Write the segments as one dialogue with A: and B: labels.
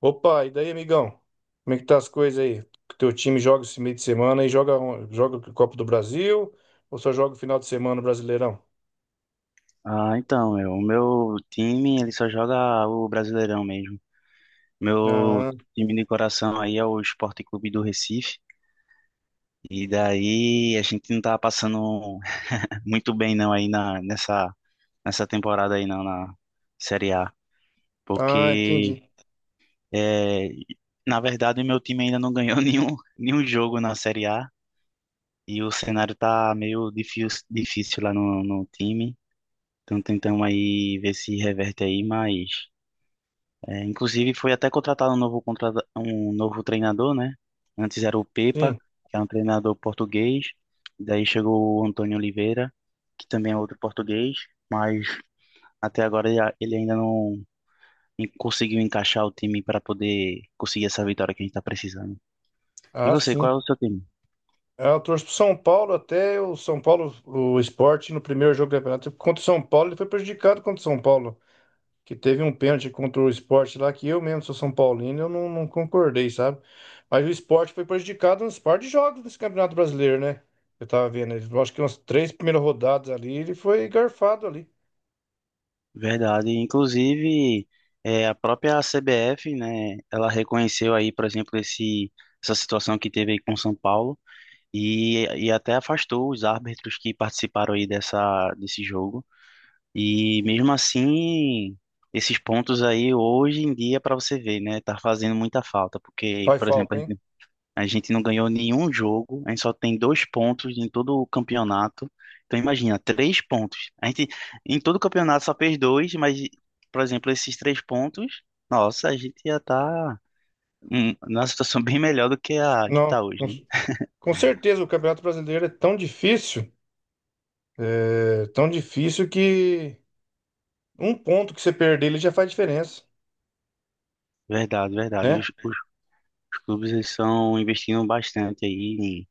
A: Opa, e daí, amigão? Como é que tá as coisas aí? O Teu time joga esse meio de semana e joga o Copa do Brasil ou só joga o final de semana no Brasileirão?
B: Ah, então, meu, o meu time, ele só joga o Brasileirão mesmo. Meu
A: Ah,
B: time de coração aí é o Sport Clube do Recife. E daí a gente não tá passando muito bem não aí nessa temporada aí não, na Série A.
A: ah,
B: Porque,
A: entendi.
B: é, na verdade, o meu time ainda não ganhou nenhum jogo na Série A. E o cenário tá meio difícil, difícil lá no time. Então tentamos aí ver se reverte aí, mas. É, inclusive foi até contratado um novo treinador, né? Antes era o Pepa,
A: Sim.
B: que era um treinador português. Daí chegou o Antônio Oliveira, que também é outro português, mas até agora ele ainda não conseguiu encaixar o time para poder conseguir essa vitória que a gente está precisando. E
A: Ah,
B: você, qual
A: sim.
B: é o seu time?
A: Ah, eu torço pro São Paulo até o São Paulo, o Sport, no primeiro jogo do campeonato contra o São Paulo, ele foi prejudicado contra o São Paulo, que teve um pênalti contra o Sport lá, que eu mesmo sou São Paulino, eu não concordei, sabe? Mas o Sport foi prejudicado nos par de jogos desse Campeonato Brasileiro, né? Eu tava vendo, eu acho que umas três primeiras rodadas ali, ele foi garfado ali.
B: Verdade. Inclusive, é, a própria CBF, né? Ela reconheceu aí, por exemplo, essa situação que teve aí com o São Paulo. E até afastou os árbitros que participaram aí dessa, desse jogo. E mesmo assim, esses pontos aí hoje em dia, para você ver, né, tá fazendo muita falta, porque,
A: Faz
B: por exemplo, a
A: falta, hein?
B: gente a gente não ganhou nenhum jogo, a gente só tem dois pontos em todo o campeonato. Então imagina, três pontos. A gente em todo o campeonato só fez dois, mas, por exemplo, esses três pontos, nossa, a gente ia estar tá, numa situação bem melhor do que a que
A: Não,
B: tá hoje, né?
A: com certeza o Campeonato Brasileiro é, tão difícil que um ponto que você perder ele já faz diferença,
B: Verdade, verdade.
A: né?
B: Os clubes eles são investindo bastante aí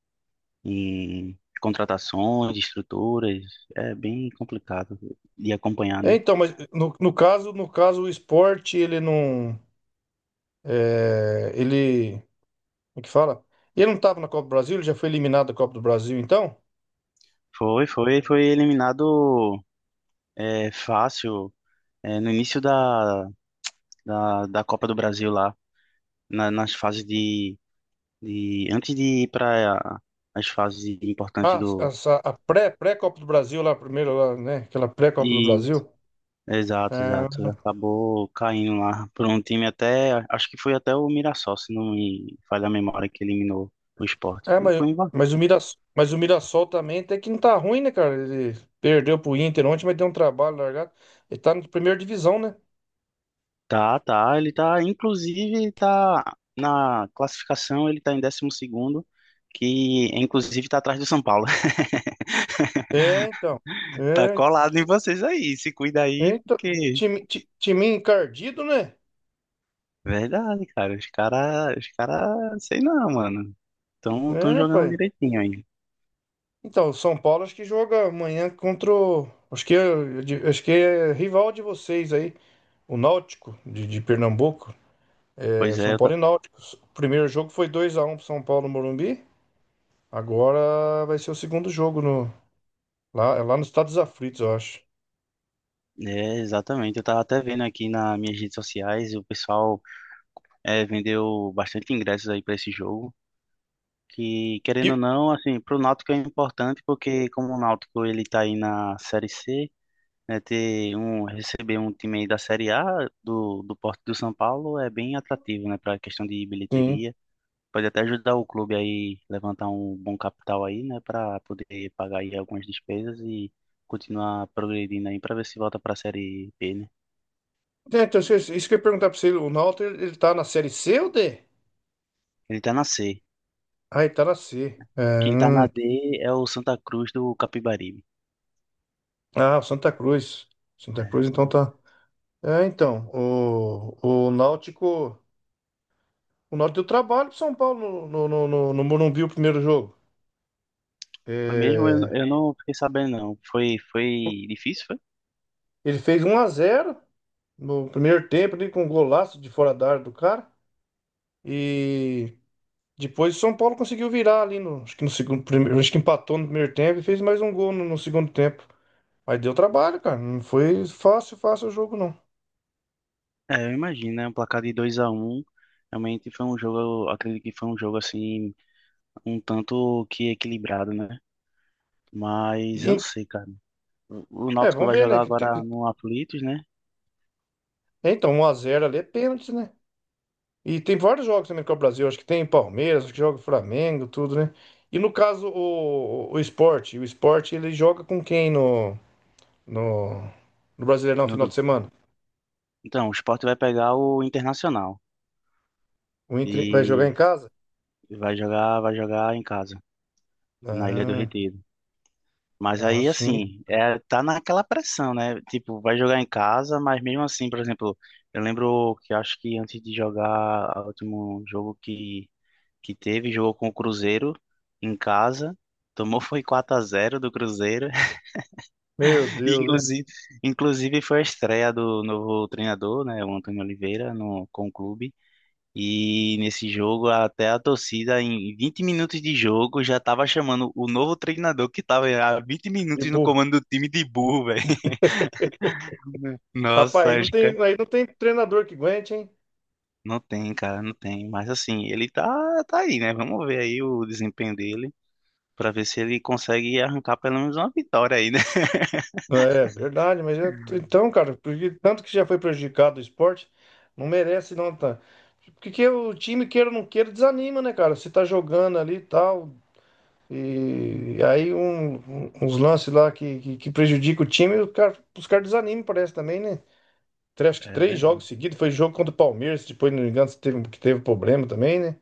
B: em contratações, estruturas. É bem complicado de acompanhar,
A: É,
B: né?
A: então, mas no caso, no caso o Sport, ele não, é, ele... O que fala? Ele não estava na Copa do Brasil, ele já foi eliminado da Copa do Brasil, então?
B: Foi eliminado, é, fácil, é, no início da Copa do Brasil lá, nas fases de antes de ir para as fases importantes
A: Ah,
B: do.
A: essa, a pré-Copa do Brasil lá, primeiro lá, né? Aquela pré-Copa do Brasil.
B: Exato,
A: Ah,
B: exato. Acabou caindo lá por um time até, acho que foi até o Mirassol, se não me falha a memória, que eliminou o Sport.
A: é,
B: Foi em va-.
A: mas o Mirassol também até que não tá ruim, né, cara? Ele perdeu pro Inter ontem, mas deu um trabalho largado. Ele tá na primeira divisão, né?
B: Tá, tá, ele tá, inclusive, ele tá na classificação, ele tá em 12º, que inclusive tá atrás do São Paulo.
A: É, então.
B: Tá
A: É,
B: colado em vocês aí, se cuida aí,
A: então,
B: porque.
A: time encardido, né?
B: Verdade, cara, os cara, sei não, mano, tão
A: É,
B: jogando
A: pai.
B: direitinho aí.
A: Então, o São Paulo acho que joga amanhã contra o... Acho que é, acho que é rival de vocês aí, o Náutico de Pernambuco, é,
B: Pois é,
A: São
B: eu.
A: Paulo e Náutico. O primeiro jogo foi dois a um pro São Paulo no Morumbi. Agora vai ser o segundo jogo no, lá, é lá nos Estados Aflitos, eu acho.
B: É, exatamente. Eu tava até vendo aqui nas minhas redes sociais, o pessoal vendeu bastante ingressos aí para esse jogo, que querendo ou
A: E,
B: não, assim, pro Náutico é importante porque como o Náutico ele tá aí na Série C, né, ter um receber um time aí da Série A do Porto do São Paulo é bem atrativo, né, para questão de
A: sim.
B: bilheteria. Pode até ajudar o clube aí levantar um bom capital aí, né, para poder pagar aí algumas despesas e continuar progredindo aí para ver se volta para a Série B, né?
A: É, então, isso que eu ia perguntar pra você, o Náutico ele tá na série C ou D?
B: Ele tá na C.
A: Ah, ele tá na C. É,
B: Quem tá na
A: hum.
B: D é o Santa Cruz do Capibaribe.
A: Ah, o Santa Cruz. Santa
B: É, o
A: Cruz, então
B: Santa-.
A: tá. É, então, o Náutico. O Náutico deu trabalho pro São Paulo no Morumbi o primeiro jogo.
B: Foi mesmo? Eu
A: É,
B: não fiquei sabendo, não. Foi difícil, foi?
A: ele fez um a zero. No primeiro tempo ali com um golaço de fora da área do cara. E depois o São Paulo conseguiu virar ali no, acho que no segundo, primeiro, acho que empatou no primeiro tempo e fez mais um gol no segundo tempo. Mas deu trabalho, cara. Não foi fácil, fácil o jogo, não.
B: É, eu imagino, né? Um placar de 2-1. Realmente foi um jogo, eu acredito que foi um jogo assim, um tanto que equilibrado, né? Mas eu não
A: E-
B: sei, cara. O
A: é,
B: Náutico
A: vamos
B: vai
A: ver, né?
B: jogar agora no Aflitos, né?
A: Então, 1x0 ali é pênalti, né? E tem vários jogos também com o Brasil. Acho que tem Palmeiras, acho que joga Flamengo, tudo, né? E no caso, o Sport. O Sport, ele joga com quem no, no Brasileirão final de
B: No,
A: semana?
B: então, o Sport vai pegar o Internacional
A: O Inter vai jogar
B: e
A: em casa?
B: vai jogar em casa, na Ilha do
A: Ah,
B: Retiro. Mas
A: ah,
B: aí,
A: sim.
B: assim, é, tá naquela pressão, né? Tipo, vai jogar em casa, mas mesmo assim, por exemplo, eu lembro que acho que antes de jogar o último jogo que teve, jogou com o Cruzeiro em casa, tomou foi 4-0 do Cruzeiro.
A: Meu
B: E,
A: Deus, hein?
B: inclusive foi a estreia do novo treinador, né, o Antônio Oliveira, no, com o clube. E nesse jogo, até a torcida, em 20 minutos de jogo, já tava chamando o novo treinador que tava há vinte
A: Que
B: minutos no
A: burro.
B: comando do time de burro, velho.
A: Rapaz,
B: Nossa, acho que
A: aí não tem treinador que aguente, hein?
B: não tem, cara, não tem. Mas assim, ele tá, tá aí, né? Vamos ver aí o desempenho dele, pra ver se ele consegue arrancar pelo menos uma vitória aí, né?
A: É verdade, mas então, cara, porque tanto que já foi prejudicado o esporte, não merece não, tá? Porque que o time, queira ou não queira, desanima, né, cara? Você tá jogando ali e tal, e aí uns lances lá que prejudica o time, o cara, os caras desanimam, parece também, né? Acho que
B: É
A: três jogos
B: verdade.
A: seguidos, foi jogo contra o Palmeiras, depois, não me engano, se teve, que teve problema também, né?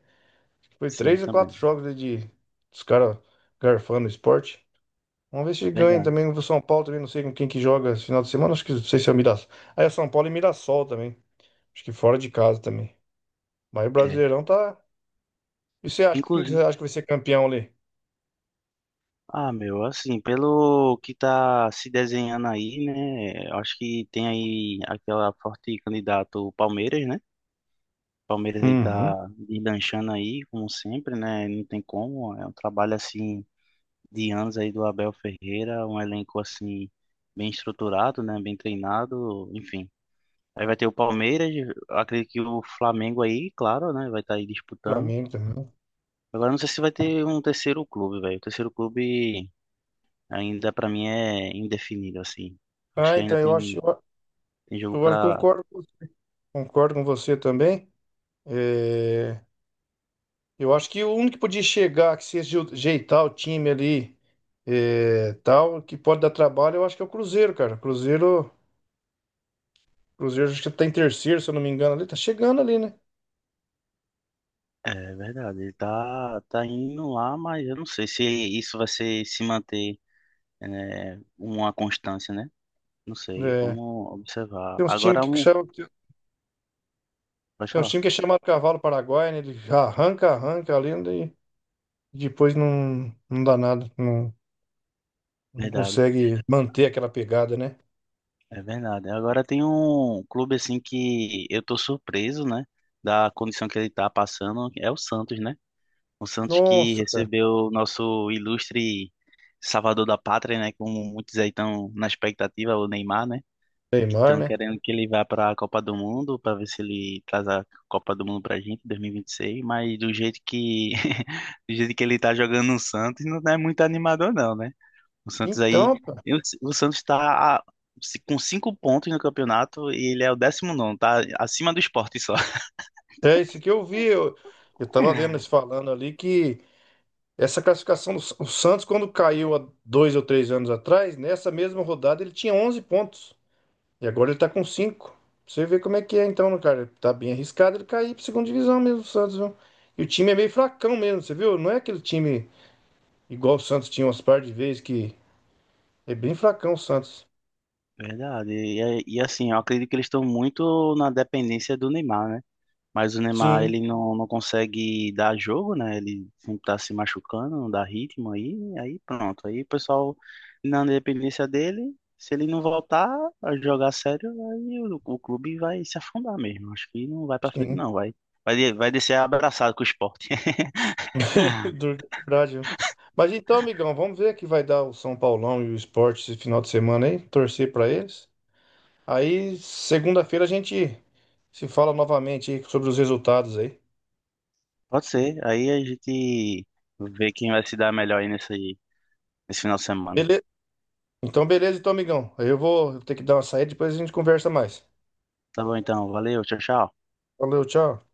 A: Foi
B: Sim,
A: três ou
B: também.
A: quatro jogos aí de dos caras garfando o esporte. Vamos ver se ganha
B: Verdade.
A: também. O São Paulo também, não sei com quem que joga esse final de semana. Acho que não sei se é o Mirassol. Ah, é São Paulo e Mirassol também. Acho que fora de casa também. Mas o
B: É.
A: Brasileirão tá. E você acha? Quem que você
B: Inclusive.
A: acha que vai ser campeão ali?
B: Ah, meu, assim, pelo que tá se desenhando aí, né? Eu acho que tem aí aquela forte candidato o Palmeiras, né? Palmeiras aí
A: Uhum.
B: tá deslanchando aí, como sempre, né? Não tem como. É um trabalho assim de anos aí do Abel Ferreira, um elenco assim bem estruturado, né? Bem treinado, enfim. Aí vai ter o Palmeiras, eu acredito que o Flamengo aí, claro, né? Vai estar aí disputando.
A: Flamengo também.
B: Agora não sei se vai ter um terceiro clube, velho. O terceiro clube ainda pra mim é indefinido, assim. Acho
A: Ah,
B: que ainda
A: então
B: tem, tem jogo
A: eu acho-
B: pra.
A: concordo, concordo com você também. É, eu acho que o único que podia chegar, que se ajeitar o time ali, é, tal, que pode dar trabalho, eu acho que é o Cruzeiro, cara. Cruzeiro, Cruzeiro acho que tá em terceiro, se eu não me engano, ali, tá chegando ali, né?
B: É verdade, ele tá indo lá, mas eu não sei se isso se manter, né, uma constância, né? Não sei,
A: É,
B: vamos observar.
A: tem uns
B: Agora
A: times que
B: um.
A: chamam,
B: Pode
A: tem uns
B: falar.
A: times que é chamado Cavalo Paraguai, né? Ele arranca, arranca ali, né? E depois não dá nada, não, não
B: Verdade,
A: consegue manter aquela pegada, né?
B: é verdade. Agora tem um clube assim que eu tô surpreso, né? Da condição que ele tá passando, é o Santos, né? O Santos que
A: Nossa, cara,
B: recebeu o nosso ilustre salvador da pátria, né? Como muitos aí estão na expectativa, o Neymar, né? Que
A: Neymar,
B: estão
A: né?
B: querendo que ele vá para a Copa do Mundo, para ver se ele traz a Copa do Mundo para a gente em 2026. Mas do jeito que, do jeito que ele está jogando no Santos, não é muito animador, não, né? O Santos aí.
A: Então, pá,
B: O Santos está com cinco pontos no campeonato e ele é o 19º, tá acima do Sport só.
A: é isso que eu vi, eu tava vendo eles falando ali que... Essa classificação do o Santos, quando caiu há dois ou três anos atrás, nessa mesma rodada ele tinha 11 pontos. E agora ele tá com cinco. Você vê como é que é então, né, cara. Tá bem arriscado ele cair pra segunda divisão mesmo, o Santos, viu? E o time é meio fracão mesmo, você viu? Não é aquele time igual o Santos tinha umas par de vezes que é bem fracão o Santos.
B: Verdade. E assim, eu acredito que eles estão muito na dependência do Neymar, né? Mas o Neymar,
A: Sim,
B: ele não consegue dar jogo, né? Ele sempre tá se machucando, não dá ritmo aí, aí pronto. Aí o pessoal, na dependência dele, se ele não voltar a jogar sério, aí o clube vai se afundar mesmo. Acho que não vai pra frente,
A: sim.
B: não. Vai descer abraçado com o esporte.
A: Duro que é verdade, viu? Mas então, amigão, vamos ver que vai dar o São Paulão e o Sport esse final de semana aí. Torcer pra eles. Aí, segunda-feira a gente se fala novamente aí sobre os resultados aí.
B: Pode ser. Aí a gente vê quem vai se dar melhor aí nesse final de semana.
A: Beleza? Então, beleza, então, amigão. Aí eu vou ter que dar uma saída, depois a gente conversa mais.
B: Tá bom, então. Valeu, tchau, tchau.
A: Valeu, tchau.